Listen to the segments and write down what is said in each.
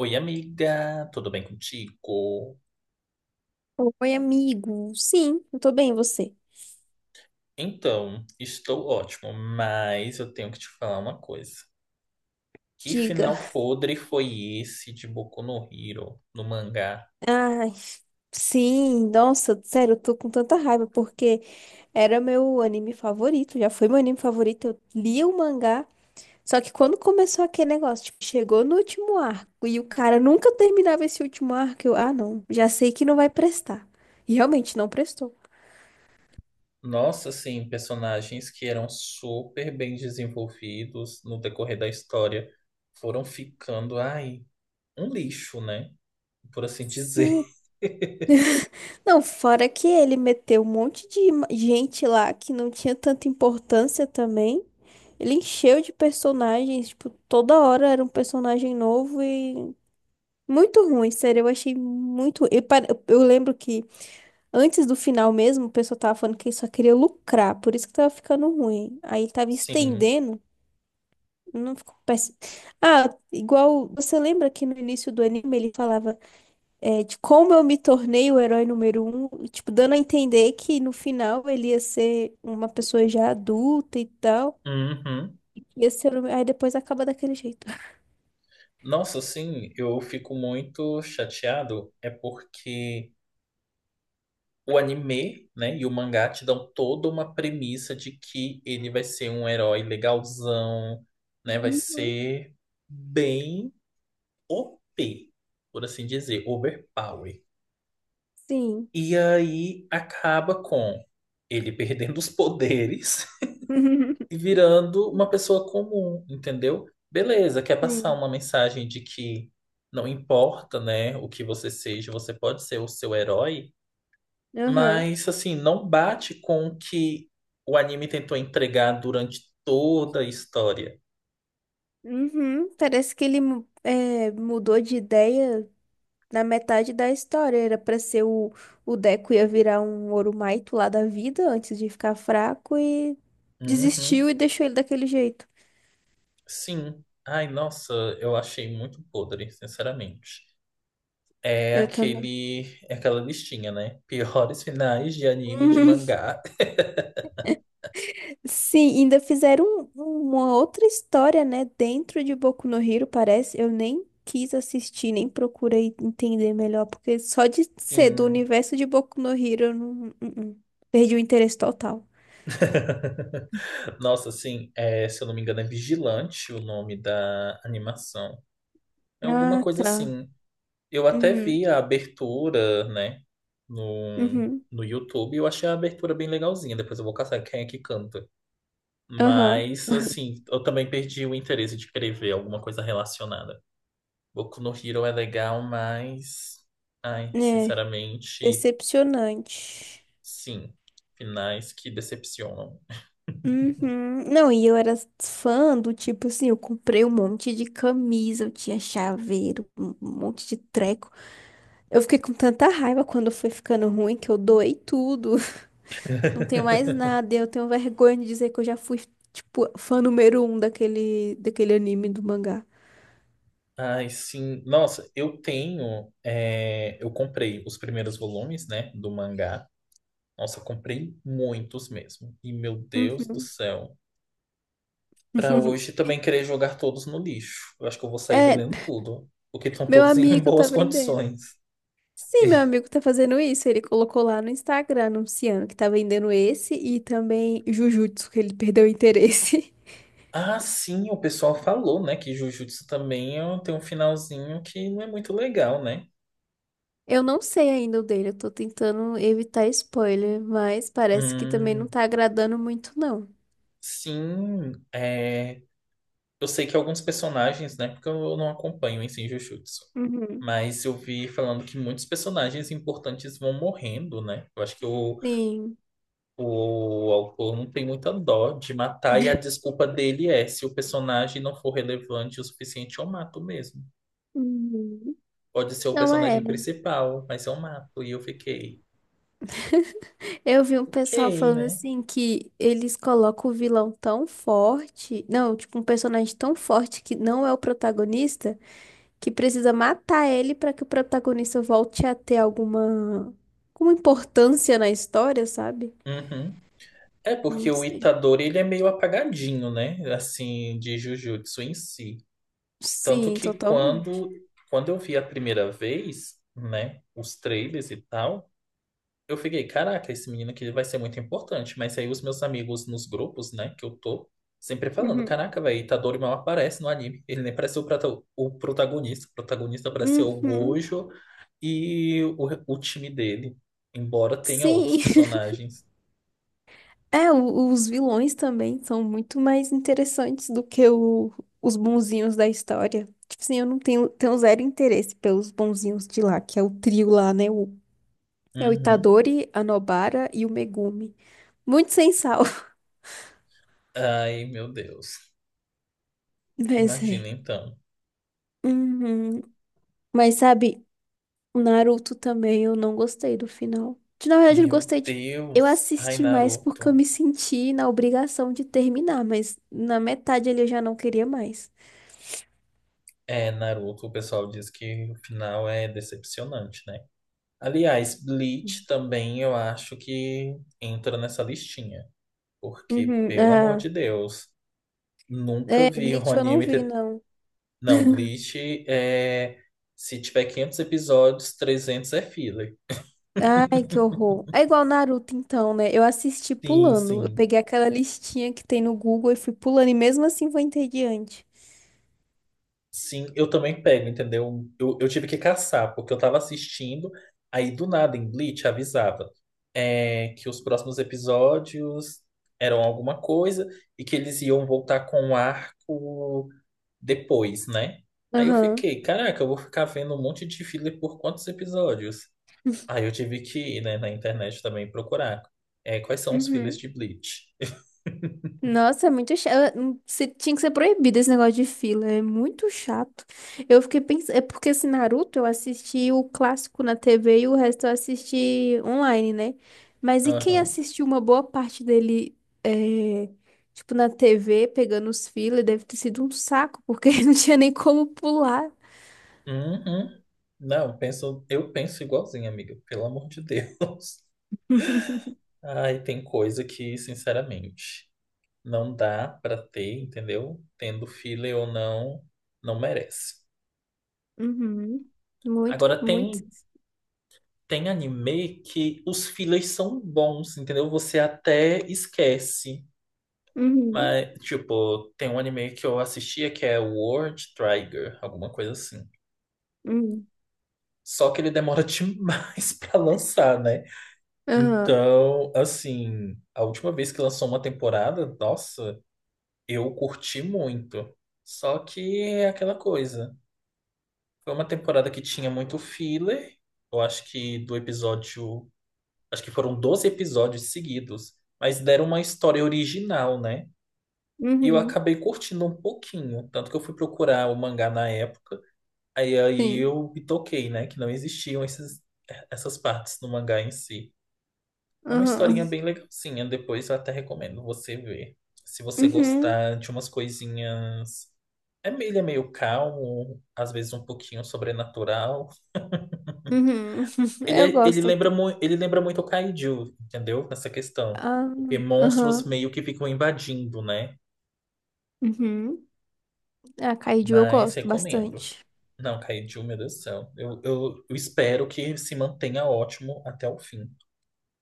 Oi, amiga, tudo bem contigo? Oi, amigo. Sim, eu tô bem, e você? Então, estou ótimo, mas eu tenho que te falar uma coisa. Que Diga. final podre foi esse de Boku no Hero, no mangá? Ai, sim, nossa, sério, eu tô com tanta raiva porque era meu anime favorito, já foi meu anime favorito, eu li o mangá. Só que quando começou aquele negócio, tipo, chegou no último arco e o cara nunca terminava esse último arco, eu, ah, não, já sei que não vai prestar. E realmente não prestou. Nossa, assim, personagens que eram super bem desenvolvidos no decorrer da história foram ficando, ai, um lixo, né? Por assim dizer. Sim. Não, fora que ele meteu um monte de gente lá que não tinha tanta importância também. Ele encheu de personagens, tipo, toda hora era um personagem novo e muito ruim, sério, eu achei muito. Eu, eu lembro que antes do final mesmo, o pessoal tava falando que ele só queria lucrar, por isso que tava ficando ruim. Aí tava Sim. estendendo, não ficou péssimo. Ah, igual, você lembra que no início do anime ele falava de como eu me tornei o herói número um, e, tipo, dando a entender que no final ele ia ser uma pessoa já adulta e tal. Uhum. Ia ser, aí depois acaba daquele jeito. Nossa, sim, eu fico muito chateado, é porque. O anime, né, e o mangá te dão toda uma premissa de que ele vai ser um herói legalzão, né, vai Hum. ser bem OP, por assim dizer, overpower. Sim. E aí acaba com ele perdendo os poderes e virando uma pessoa comum, entendeu? Beleza, quer passar Sim. uma mensagem de que não importa, né, o que você seja, você pode ser o seu herói. Aham. Mas assim, não bate com o que o anime tentou entregar durante toda a história. Uhum. Parece que ele mudou de ideia na metade da história. Era pra ser o Deco ia virar um Orumaito lá da vida antes de ficar fraco e Uhum, desistiu e deixou ele daquele jeito. sim. Ai, nossa, eu achei muito podre, sinceramente. É Eu também. aquele, é aquela listinha, né? Piores finais de anime e de mangá. Sim, ainda fizeram um- uma outra história, né, dentro de Boku no Hero, parece. Eu nem quis assistir, nem procurei entender melhor, porque só de ser do Sim. universo de Boku no Hero, eu não, não. Perdi o interesse total. Nossa, sim, é, se eu não me engano, é Vigilante o nome da animação. É alguma Ah, coisa tá. assim. Eu até Uhum, vi a abertura, né, no, uhum, no YouTube. Eu achei a abertura bem legalzinha. Depois eu vou caçar quem é que canta. aham. Mas, assim, eu também perdi o interesse de querer ver alguma coisa relacionada. Boku no Hero é legal, mas. Ai, É, sinceramente, decepcionante. sim. Finais que decepcionam. Uhum. Não, e eu era fã do tipo assim, eu comprei um monte de camisa, eu tinha chaveiro, um monte de treco. Eu fiquei com tanta raiva quando foi ficando ruim que eu doei tudo. Não tenho mais nada. E eu tenho vergonha de dizer que eu já fui, tipo, fã número um daquele anime do mangá. Ai, sim. Nossa, eu tenho. Eu comprei os primeiros volumes, né, do mangá. Nossa, eu comprei muitos mesmo. E, meu Deus do Uhum. céu. Pra hoje também querer jogar todos no lixo. Eu acho que eu vou sair É, vendendo tudo. Porque estão meu todos em amigo tá boas vendendo. condições. Sim, meu amigo tá fazendo isso. Ele colocou lá no Instagram anunciando que tá vendendo esse e também Jujutsu, que ele perdeu o interesse. Ah, sim, o pessoal falou, né? Que Jujutsu também ó, tem um finalzinho que não é muito legal, né? Eu não sei ainda o dele, eu tô tentando evitar spoiler, mas parece que também não Hum, tá agradando muito, não. sim, é... Eu sei que alguns personagens, né? Porque eu não acompanho em si Jujutsu. Uhum. Mas eu vi falando que muitos personagens importantes vão morrendo, né? Eu acho que o Sim. O autor não tem muita dó de matar, e a desculpa dele é: se o personagem não for relevante o suficiente, eu mato mesmo. Uhum. Pode ser o Não é. personagem principal, mas eu mato. E eu fiquei, Eu vi um ok, pessoal falando né? assim que eles colocam o vilão tão forte, não, tipo um personagem tão forte que não é o protagonista, que precisa matar ele pra que o protagonista volte a ter alguma, alguma importância na história, sabe? Uhum. É porque Não o sei. Itadori ele é meio apagadinho, né? Assim, de Jujutsu em si. Tanto Sim, que totalmente. quando eu vi a primeira vez, né, os trailers e tal. Eu fiquei, caraca, esse menino aqui vai ser muito importante. Mas aí os meus amigos nos grupos, né, que eu tô, sempre falando, Uhum. caraca, velho, Itadori mal aparece no anime. Ele nem parece o protagonista. O protagonista parece ser o Uhum. Gojo e o time dele. Embora tenha outros Sim. personagens. É, os vilões também são muito mais interessantes do que os bonzinhos da história. Tipo assim, eu não tenho, tenho zero interesse pelos bonzinhos de lá, que é o trio lá, né? O, é o Uhum. Itadori, a Nobara e o Megumi. Muito sem sal, Ai, meu Deus. mas Imagina é. então. Uhum. Mas sabe, o Naruto também eu não gostei do final. De, na verdade, eu Meu gostei de. Eu Deus. Ai, assisti mais porque eu Naruto. me senti na obrigação de terminar, mas na metade ali eu já não queria mais. É, Naruto, o pessoal diz que o final é decepcionante, né? Aliás, Bleach também eu acho que entra nessa listinha. Porque, Uhum. pelo amor de Deus, nunca É, vi um Bleach eu não anime vi, ter... não. Não, Bleach é... Se tiver 500 episódios, 300 é filler. Ai, que horror. É igual Naruto, então, né? Eu assisti Sim, pulando. sim. Eu peguei aquela listinha que tem no Google e fui pulando, e mesmo assim vou entediante. Sim, eu também pego, entendeu? Eu tive que caçar, porque eu tava assistindo, aí do nada em Bleach avisava que os próximos episódios eram alguma coisa e que eles iam voltar com um arco depois, né? Aí eu Aham. fiquei, caraca, eu vou ficar vendo um monte de filler por quantos episódios? Aí eu tive que ir, né, na internet também procurar. É, quais são os fillers Uhum. de Bleach? Nossa, é muito chato. Tinha que ser proibido esse negócio de fila. É muito chato. Eu fiquei pensando. É porque esse Naruto eu assisti o clássico na TV e o resto eu assisti online, né? Mas e quem Aham. assistiu uma boa parte dele, é, tipo, na TV, pegando os fila, deve ter sido um saco, porque não tinha nem como pular. Uhum. Não, eu penso igualzinho, amiga. Pelo amor de Deus. Ai, tem coisa que, sinceramente, não dá pra ter, entendeu? Tendo filler ou não, não merece. Uhum. Muito, Agora muito. tem anime que os fillers são bons, entendeu? Você até esquece. Uhum. Mas, tipo, tem um anime que eu assistia que é World Trigger, alguma coisa assim. Uhum. Só que ele demora demais pra lançar, né? Aham. Então, assim, a última vez que lançou uma temporada, nossa, eu curti muito. Só que é aquela coisa. Foi uma temporada que tinha muito filler. Eu acho que do episódio acho que foram 12 episódios seguidos, mas deram uma história original, né? E eu Uhum. acabei curtindo um pouquinho, tanto que eu fui procurar o mangá na época, aí Sim. eu me toquei, né? Que não existiam essas partes no mangá em si. É uma historinha Aham. bem legalzinha, depois eu até recomendo você ver. Se você Uhum. gostar de umas coisinhas. Ele é meio calmo, às vezes um pouquinho sobrenatural. Uhum. Ele, Eu é- ele gosto. lembra, mu- ele lembra muito o Kaiju, entendeu? Nessa questão. Ah, Porque monstros aham. meio que ficam invadindo, né? Uhum. A Kaiju eu Mas gosto recomendo. bastante. Não, Kaiju, meu Deus do céu. Eu espero que se mantenha ótimo até o fim.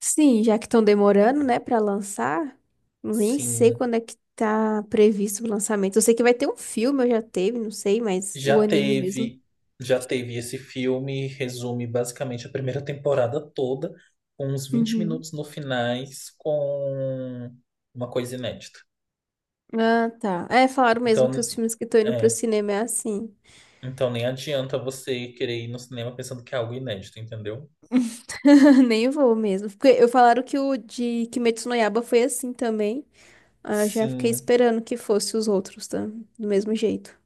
Sim, já que estão demorando, né, pra lançar, nem sei Sim, quando é que tá previsto o lançamento. Eu sei que vai ter um filme, eu já teve, não sei, mas o já anime mesmo. teve. Já teve esse filme, resume basicamente a primeira temporada toda, com uns vinte Uhum. minutos no finais, com uma coisa inédita. Ah, tá. É, falaram mesmo que Então, os filmes que estão indo pro é, cinema é assim. Então nem adianta você querer ir no cinema pensando que é algo inédito, entendeu? Nem vou mesmo. Porque eu falaram que o de Kimetsu no Yaiba foi assim também. Ah, eu já fiquei Sim. esperando que fosse os outros, tá? Do mesmo jeito.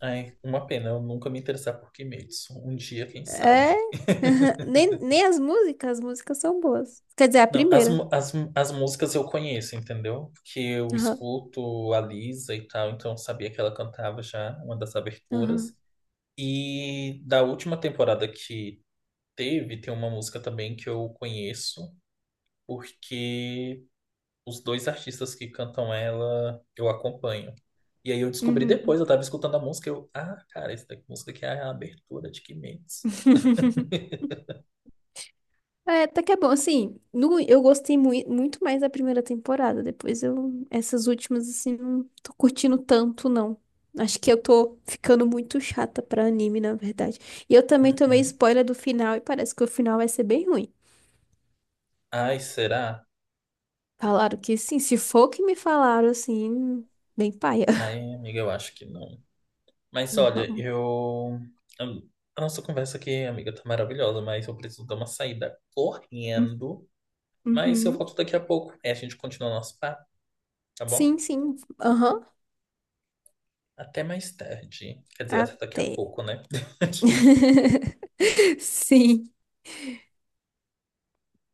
Ai, uma pena eu nunca me interessar por Kimetsu. Um dia, quem É. sabe? Nem, nem as músicas, as músicas são boas. Quer dizer, a Não, as, primeira. mu- as, mu- as músicas eu conheço, entendeu? Porque eu Aham, escuto a Lisa e tal, então eu sabia que ela cantava já uma das aberturas. aham. E da última temporada que teve, tem uma música também que eu conheço, porque os dois artistas que cantam ela, eu acompanho. E aí eu descobri Uhum. depois, eu tava escutando a música, eu, ah, cara, essa música aqui é a abertura de Kimetsu. É, até que é bom. Assim, no, eu gostei muito mais da primeira temporada. Depois eu. Essas últimas, assim, não tô curtindo tanto, não. Acho que eu tô ficando muito chata pra anime, na verdade. E eu também tomei Uhum. spoiler do final e parece que o final vai ser bem ruim. Ai, será? Falaram que sim, se for o que me falaram, assim, bem paia. Ai, amiga, eu acho que não. Mas olha, Vamos. Eu- a nossa conversa aqui, amiga, tá maravilhosa, mas eu preciso dar uma saída correndo. Mas eu Uhum. volto daqui a pouco. É, a gente continua nosso papo, tá bom? Sim, sim. Aham. Até mais tarde. Quer dizer, até daqui a Até. pouco, né? Sim.